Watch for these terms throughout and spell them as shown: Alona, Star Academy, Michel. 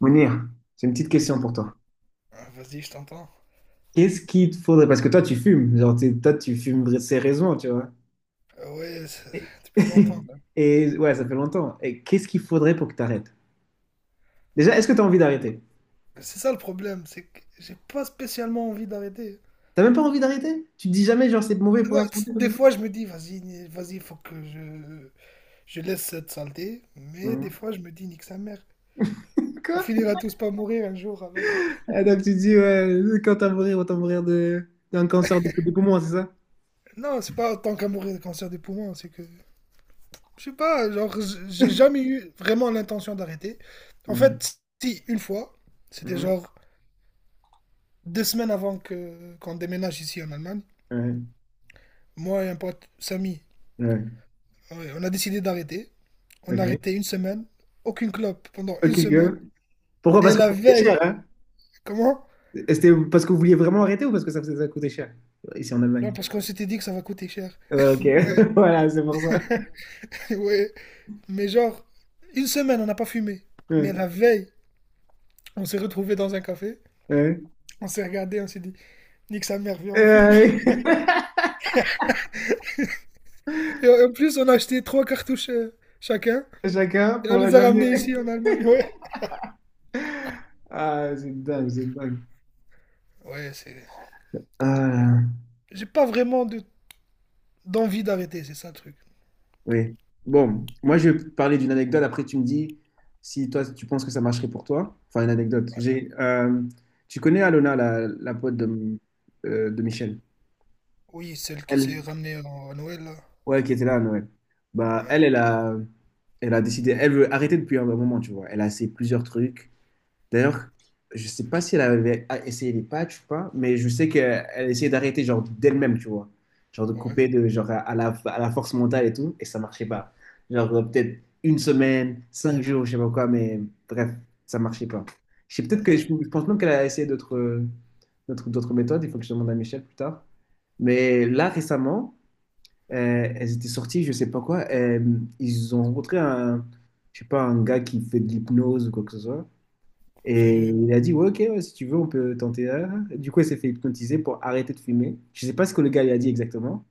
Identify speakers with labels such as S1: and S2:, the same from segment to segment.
S1: Mounir, c'est une petite question pour toi.
S2: Ah, vas-y, je t'entends.
S1: Qu'est-ce qu'il te faudrait, parce que toi tu fumes, toi tu fumes sérieusement, tu vois.
S2: Ah ouais,
S1: Et,
S2: depuis longtemps là.
S1: et ouais, ça fait longtemps. Et qu'est-ce qu'il faudrait pour que tu arrêtes? Déjà, est-ce que tu as envie d'arrêter?
S2: C'est ça le problème, c'est que j'ai pas spécialement envie d'arrêter.
S1: T'as même pas envie d'arrêter? Tu te dis jamais, genre c'est mauvais pour
S2: Non,
S1: la santé,
S2: des
S1: comme ça?
S2: fois, je me dis, vas-y, vas-y, faut que je laisse cette saleté. Mais des
S1: Mhm.
S2: fois, je me dis, nique sa mère. On
S1: Quoi?
S2: finira tous par mourir un jour, alors.
S1: Ah, donc tu te dis, ouais, quand t'as mourir, autant mourir de, d'un cancer de poumon, c'est ça?
S2: Non, c'est pas tant qu'à mourir de cancer des poumons, c'est que... Je sais pas, genre, j'ai jamais eu vraiment l'intention d'arrêter. En
S1: Mhm.
S2: fait, si, une fois, c'était
S1: Mhm.
S2: genre 2 semaines avant que qu'on déménage ici en Allemagne.
S1: Ouais,
S2: Moi et un pote, Samy, ah ouais, on a décidé d'arrêter.
S1: ouais,
S2: On a
S1: ok.
S2: arrêté une semaine. Aucune clope pendant
S1: Ok,
S2: une semaine.
S1: girl. Pourquoi?
S2: Et
S1: Parce que
S2: la
S1: ça coûtait
S2: veille,
S1: cher, hein?
S2: comment?
S1: C'était parce que vous vouliez vraiment arrêter ou parce que ça coûtait cher? Ici en Allemagne.
S2: Non, parce qu'on s'était dit que ça va coûter cher.
S1: Ouais, ok,
S2: Ouais,
S1: voilà, c'est pour ça.
S2: ouais. Mais genre, une semaine, on n'a pas fumé.
S1: Ouais,
S2: Mais la veille, on s'est retrouvés dans un café.
S1: ouais.
S2: On s'est regardé, on s'est dit, nique sa mère, viens,
S1: Et,
S2: on fume. Et en plus, on a acheté 3 cartouches chacun.
S1: chacun
S2: Et on
S1: pour la
S2: les a
S1: dernière.
S2: ramenés, ouais, ici en Allemagne. Ouais.
S1: Ah, c'est dingue, c'est dingue.
S2: Ouais, c'est.
S1: Ah,
S2: J'ai pas vraiment de... d'envie d'arrêter, c'est ça le truc.
S1: oui. Bon, moi, je vais parler d'une anecdote. Après, tu me dis si toi, tu penses que ça marcherait pour toi. Enfin, une anecdote. J'ai, tu connais Alona, la pote de, de Michel?
S2: Oui, celle qui
S1: Elle,
S2: s'est ramenée à Noël, là.
S1: ouais, qui était là à Noël. Bah,
S2: Ouais,
S1: elle, elle a décidé, elle veut arrêter depuis un bon moment, tu vois. Elle a essayé plusieurs trucs. D'ailleurs, je sais pas si elle avait essayé les patchs ou pas, mais je sais qu'elle essayait d'arrêter genre d'elle-même, tu vois. Genre de
S2: ouais,
S1: couper de, genre à la force mentale et tout, et ça marchait pas. Genre peut-être une semaine, 5 jours, je sais pas quoi, mais bref, ça marchait pas. Je sais peut-être que je,
S2: ouais.
S1: pense même qu'elle a essayé d'autres d'autres méthodes, il faut que je demande à Michel plus tard. Mais là, récemment, elles étaient sorties, je sais pas quoi. Ils ont rencontré un, je sais pas, un gars qui fait de l'hypnose ou quoi que ce soit. Et
S2: Sérieux.
S1: il a dit, ouais, ok, ouais, si tu veux, on peut tenter. Du coup, elle s'est fait hypnotiser pour arrêter de fumer. Je sais pas ce que le gars lui a dit exactement,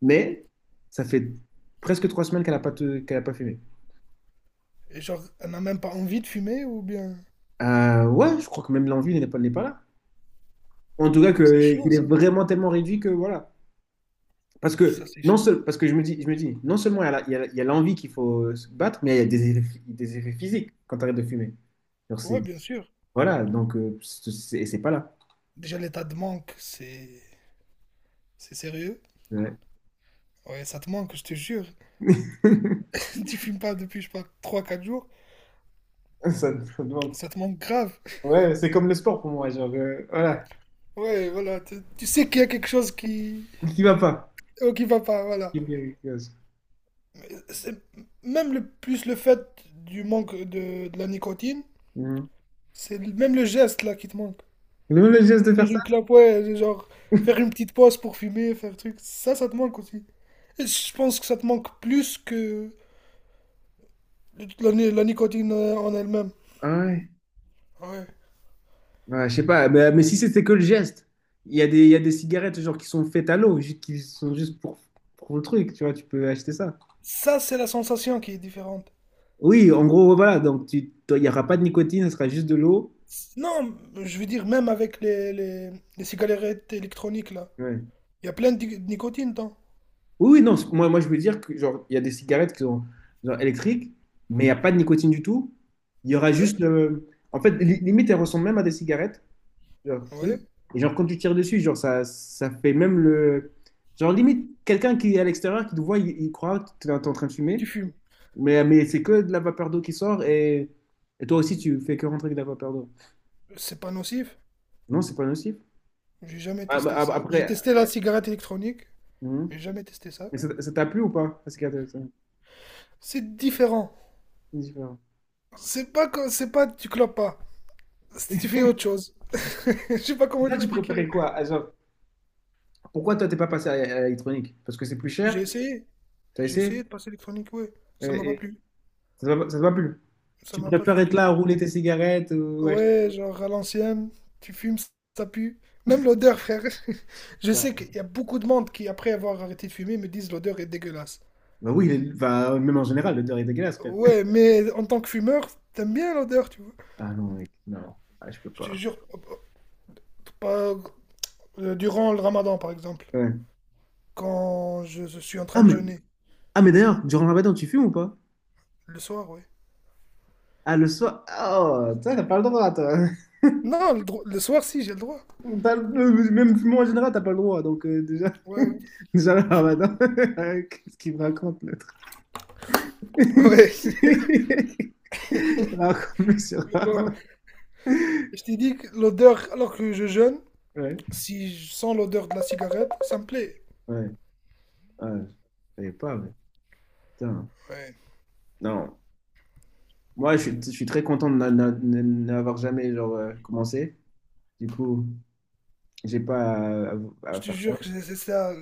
S1: mais ça fait presque 3 semaines qu'elle a pas fumé.
S2: Et genre, elle n'a même pas envie de fumer ou bien.
S1: Ouais, je crois que même l'envie n'est pas là. En tout cas,
S2: C'est
S1: que,
S2: chaud,
S1: qu'il est
S2: ça.
S1: vraiment tellement réduit que voilà. Parce
S2: Ça,
S1: que,
S2: c'est
S1: non
S2: chaud.
S1: seul, parce que je me dis, non seulement il y a l'envie qu'il faut se battre, mais il y a des effets, physiques quand tu arrêtes de fumer. Genre,
S2: Ouais,
S1: c'est,
S2: bien sûr.
S1: voilà, donc c'est pas là.
S2: Déjà, l'état de manque, c'est. C'est sérieux.
S1: Ouais.
S2: Ouais, ça te manque, je te jure. Tu fumes pas depuis, je sais pas, 3-4 jours.
S1: Ça, ça demande.
S2: Ça te manque grave.
S1: Ouais, c'est comme le sport pour moi, genre, voilà,
S2: Ouais, voilà. Tu sais qu'il y a quelque chose qui.
S1: qui va pas.
S2: Oh, qui va pas, voilà.
S1: Qui me diagnostique.
S2: Mais c'est. Même le plus le fait du manque de la nicotine,
S1: Mhm.
S2: même le geste là qui te manque.
S1: Le même geste de faire
S2: Tenir
S1: ça?
S2: une clope, ouais, genre faire une petite pause pour fumer, faire truc. Ça te manque aussi. Et je pense que ça te manque plus que la, ni- la nicotine en elle-même.
S1: Ah ouais,
S2: Ouais.
S1: ouais, je sais pas, mais si c'était que le geste, il y a des, il y a des cigarettes genre qui sont faites à l'eau, qui sont juste pour le truc, tu vois, tu peux acheter ça.
S2: Ça, c'est la sensation qui est différente.
S1: Oui, en gros, voilà, donc tu, toi, il n'y aura pas de nicotine, ce sera juste de l'eau.
S2: Non, je veux dire, même avec les cigarettes électroniques, là.
S1: Ouais.
S2: Il y a plein de nicotine dedans.
S1: Oui, oui, non, moi je veux dire que genre, il y a des cigarettes qui sont genre électriques, mais il n'y a pas de nicotine du tout. Il y aura juste
S2: Ouais,
S1: le. En fait, limite, elles ressemblent même à des cigarettes, genre
S2: ouais.
S1: truc. Et genre quand tu tires dessus, genre ça, ça fait même le... Genre limite, quelqu'un qui est à l'extérieur, qui te voit, il croit que tu es en train de
S2: Tu
S1: fumer,
S2: fumes.
S1: mais c'est que de la vapeur d'eau qui sort, et toi aussi tu fais que rentrer de la vapeur d'eau.
S2: C'est pas nocif.
S1: Non, c'est pas nocif.
S2: J'ai jamais testé
S1: Ah,
S2: ça.
S1: bah, après,
S2: J'ai testé la cigarette électronique,
S1: hum.
S2: mais j'ai jamais testé ça.
S1: Et ça t'a plu ou pas? Parce qu'il c'est
S2: C'est différent.
S1: différent.
S2: C'est pas, tu clopes pas. Tu fais autre chose. Je sais pas
S1: Et
S2: comment
S1: toi, tu préférais
S2: t'expliquer.
S1: quoi? Ah, genre, pourquoi toi, t'es pas passé à l'électronique? Parce que c'est plus cher,
S2: J'ai essayé.
S1: t'as
S2: J'ai essayé
S1: essayé,
S2: de passer l'électronique, ouais. Ça m'a
S1: et,
S2: pas
S1: et
S2: plu.
S1: ça te va plus.
S2: Ça
S1: Tu
S2: m'a pas
S1: préfères
S2: fait
S1: être là à
S2: kiffer.
S1: rouler tes cigarettes ou acheter
S2: Ouais, genre à l'ancienne, tu fumes, ça pue. Même l'odeur, frère. Je sais
S1: ça?
S2: qu'il y a beaucoup de monde qui, après avoir arrêté de fumer, me disent l'odeur est dégueulasse.
S1: Bah oui, il est- enfin, même en général, l'odeur est dégueulasse, frère.
S2: Ouais, mais en tant que fumeur, t'aimes bien l'odeur, tu vois.
S1: Ah non, mec, non, ah, je peux
S2: Je te
S1: pas.
S2: jure, pas, durant le ramadan, par exemple,
S1: Ouais.
S2: quand je suis en
S1: Ah,
S2: train de
S1: mais,
S2: jeûner,
S1: ah, mais d'ailleurs, durant le ramadan, tu fumes ou pas?
S2: le soir, ouais.
S1: Ah, le soir, oh, toi, t'as pas le droit, toi.
S2: Non, le soir, si, j'ai le droit.
S1: T'as le- Même fumer en général, t'as pas le droit, donc déjà,
S2: Ouais,
S1: déjà le ramadan, qu'est-ce qu'il me raconte, l'autre?
S2: ouais.
S1: Il raconte plus sur
S2: Mais bon, je t'ai dit que l'odeur, alors que je jeûne,
S1: ouais,
S2: si je sens l'odeur de la cigarette, ça me plaît.
S1: ouais, ouais, je savais pas, mais putain.
S2: Ouais.
S1: Non, moi, je suis très content de n'avoir jamais genre, commencé. Du coup, j'ai pas à,
S2: Je te
S1: faire ça.
S2: jure que c'est ça.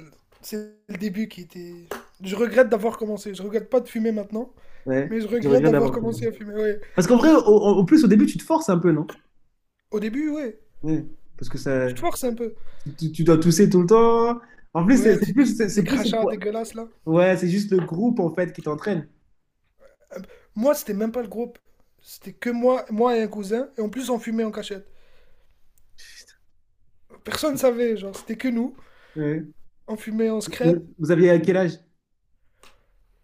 S2: C'est le début qui était. Je regrette d'avoir commencé. Je regrette pas de fumer maintenant,
S1: Ouais,
S2: mais je
S1: je
S2: regrette
S1: regrette
S2: d'avoir
S1: d'avoir commencé.
S2: commencé à fumer. Ouais.
S1: Parce qu'en vrai, en plus, au début, tu te forces un peu, non?
S2: Au début, ouais.
S1: Ouais. Parce que ça,
S2: Tu te forces un peu.
S1: tu dois tousser tout le temps. En plus,
S2: Ouais, tu, les crachats dégueulasses là.
S1: ouais, c'est juste le groupe, en fait, qui t'entraîne.
S2: Moi, c'était même pas le groupe. C'était que moi, moi et un cousin. Et en plus, on fumait en cachette. Personne savait, genre, c'était que nous.
S1: Ouais.
S2: On fumait en secret.
S1: Vous aviez à quel âge?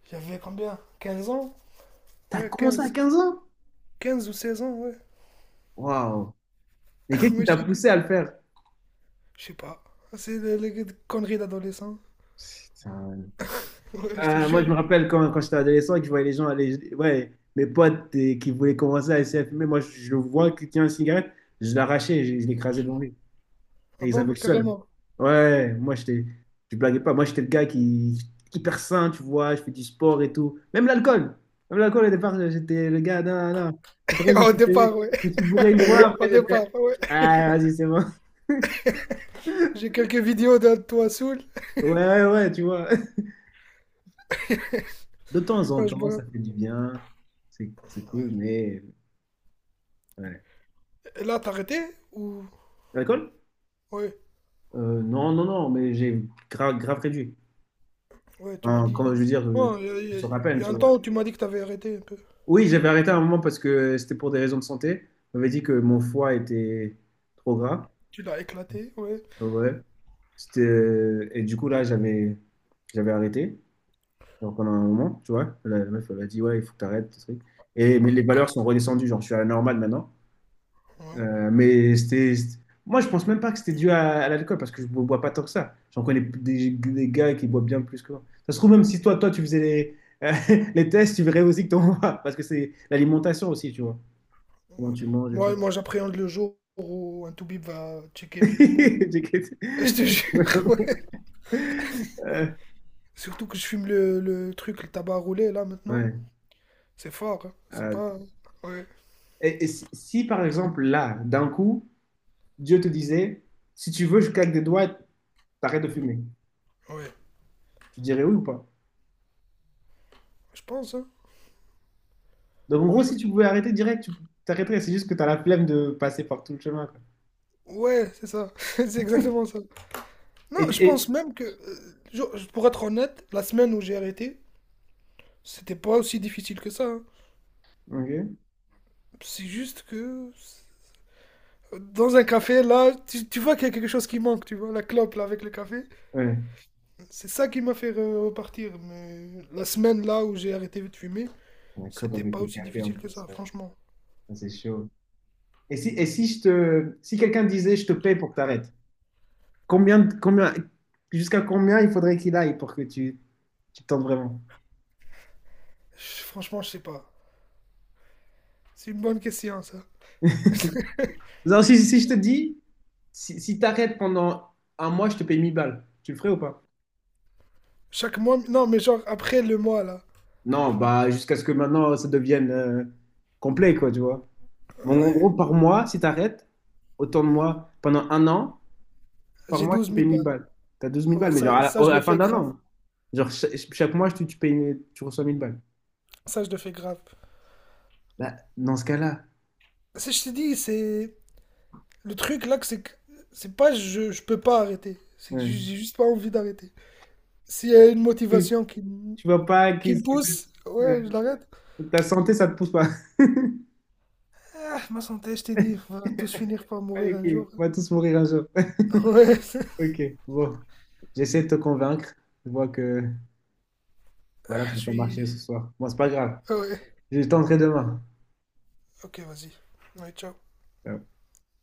S2: J'avais combien, 15 ans.
S1: T'as
S2: Ouais,
S1: commencé à
S2: 15.
S1: 15 ans?
S2: 15 ou 16 ans, ouais.
S1: Waouh! Mais qu'est-ce qui
S2: Moi,
S1: t'a
S2: j'étais.
S1: poussé à le faire?
S2: Je sais pas. C'est les des conneries d'adolescents.
S1: Putain.
S2: Ouais, je te
S1: Moi,
S2: jure.
S1: je me rappelle quand, j'étais adolescent et que je voyais les gens aller, ouais, mes potes et qui voulaient commencer à essayer de fumer. Moi, je, le vois qui tient une cigarette, je l'arrachais, je, l'écrasais devant lui.
S2: Ah
S1: Et ils avaient
S2: bon?
S1: le seum.
S2: Carrément.
S1: Ouais, moi, j'étais, je blaguais pas. Moi, j'étais le gars qui, hyper sain, tu vois, je fais du sport et tout. Même l'alcool. Même l'alcool, au départ, j'étais le gars, non, non. Après,
S2: Au départ, ouais.
S1: je me suis bourré une fois, après,
S2: Au
S1: j'ai
S2: départ,
S1: fait,
S2: ouais.
S1: ah, vas-y, c'est bon.
S2: J'ai quelques vidéos de toi saoul.
S1: Ouais, ouais, ouais, tu vois. De temps en
S2: quand je
S1: temps, ça
S2: me-
S1: fait du bien. C'est cool,
S2: Ouais.
S1: mais ouais.
S2: Et là, t'as arrêté? Ou...
S1: L'alcool?
S2: Ouais,
S1: Non, non, non, mais j'ai grave, grave réduit.
S2: ouais, tu m'as
S1: Enfin, quand
S2: dit.
S1: je veux dire,
S2: Ouais, il y,
S1: je
S2: a il
S1: sors à peine,
S2: y a
S1: tu
S2: un
S1: vois.
S2: temps où tu m'as dit que t'avais arrêté un peu.
S1: Oui, j'avais arrêté à un moment parce que c'était pour des raisons de santé. On m'avait dit que mon foie était trop gras.
S2: Tu l'as éclaté, ouais.
S1: Ah ouais. C'était... et du coup, là, j'avais arrêté. Donc, pendant un moment, tu vois, la, meuf, elle a dit, ouais, il faut que tu arrêtes. Et, mais les valeurs sont redescendues. Genre, je suis à la normale maintenant.
S2: Ouais.
S1: Mais c'était- Moi, je pense même pas que c'était dû à l'alcool parce que je ne bois pas tant que ça. J'en connais des, gars qui boivent bien plus que moi. Ça se trouve, même si toi, tu faisais les, euh, les tests, tu verrais aussi que t'en bois parce que c'est l'alimentation aussi, tu vois. Comment
S2: Ouais.
S1: tu manges et
S2: Moi,
S1: tout.
S2: moi j'appréhende le jour où un toubib va checker mes poumons.
S1: J'ai quitté.
S2: Je te jure, ouais.
S1: Euh,
S2: Surtout que je fume le tabac roulé, là, maintenant.
S1: ouais.
S2: C'est fort, hein. C'est
S1: Euh,
S2: pas. Ouais,
S1: et, si, par exemple, là, d'un coup, Dieu te disait, si tu veux, je claque des doigts, t'arrêtes de fumer.
S2: ouais.
S1: Tu dirais oui ou pas?
S2: Je pense, hein.
S1: Donc, en gros, si
S2: Oui.
S1: tu pouvais arrêter direct, tu t'arrêterais. C'est juste que tu as la flemme de passer par tout le chemin, quoi.
S2: Ouais, c'est ça. C'est exactement ça. Non, je pense
S1: Et...
S2: même que, pour être honnête, la semaine où j'ai arrêté, c'était pas aussi difficile que ça, hein.
S1: Ok.
S2: C'est juste que. Dans un café, là, tu vois qu'il y a quelque chose qui manque, tu vois, la clope, là, avec le café.
S1: Ouais.
S2: C'est ça qui m'a fait repartir. Mais la semaine, là, où j'ai arrêté de fumer,
S1: La cope
S2: c'était
S1: avec
S2: pas
S1: le
S2: aussi
S1: café en
S2: difficile que
S1: plus,
S2: ça,
S1: ouais.
S2: franchement.
S1: Ça, c'est chaud. Et si, je te, si quelqu'un disait, je te paye pour que t'arrêtes, combien, jusqu'à combien il faudrait qu'il aille pour que tu, tentes vraiment?
S2: Franchement, je sais pas. C'est une bonne question, ça.
S1: Non, si, je te dis, si, t'arrêtes pendant un mois, je te paye 1 000 balles, tu le ferais ou pas?
S2: Chaque mois, non, mais genre après le mois là.
S1: Non, bah jusqu'à ce que maintenant ça devienne complet, quoi, tu vois. Bon, en
S2: Ouais.
S1: gros, par mois, si t'arrêtes, autant de moi, pendant un an, par
S2: J'ai
S1: mois,
S2: douze
S1: je te paye
S2: mille
S1: 1000
S2: balles.
S1: balles. Tu as 12 000
S2: Ouais,
S1: balles, mais genre
S2: ça,
S1: à la,
S2: ça, je
S1: à
S2: le
S1: la fin
S2: fais
S1: d'un
S2: grave.
S1: an. Genre, chaque mois, tu payes, tu reçois 1 000 balles.
S2: Ça, je le fais grave.
S1: Bah, dans ce cas-là,
S2: Ça, je t'ai dit, c'est. Le truc là, que. C'est pas je, je peux pas arrêter. C'est que
S1: ouais.
S2: j'ai juste pas envie d'arrêter. S'il y a une
S1: Tu,
S2: motivation
S1: tu vois pas
S2: qui
S1: qu'est-ce
S2: me
S1: que ça-
S2: pousse, ouais,
S1: ouais.
S2: je l'arrête.
S1: Ta santé, ça te pousse pas.
S2: Ah, ma santé, je t'ai dit, on va tous finir par mourir
S1: Allez,
S2: un
S1: couilles,
S2: jour.
S1: on va tous mourir un jour.
S2: Ouais.
S1: Ok, bon. J'essaie de te convaincre. Je vois que
S2: Ah,
S1: voilà, ça n'a
S2: je
S1: pas
S2: suis.
S1: marché ce soir. Bon, c'est pas grave.
S2: Ouais.
S1: Je tenterai demain.
S2: Ok, vas-y. Ouais, ciao.
S1: Ciao.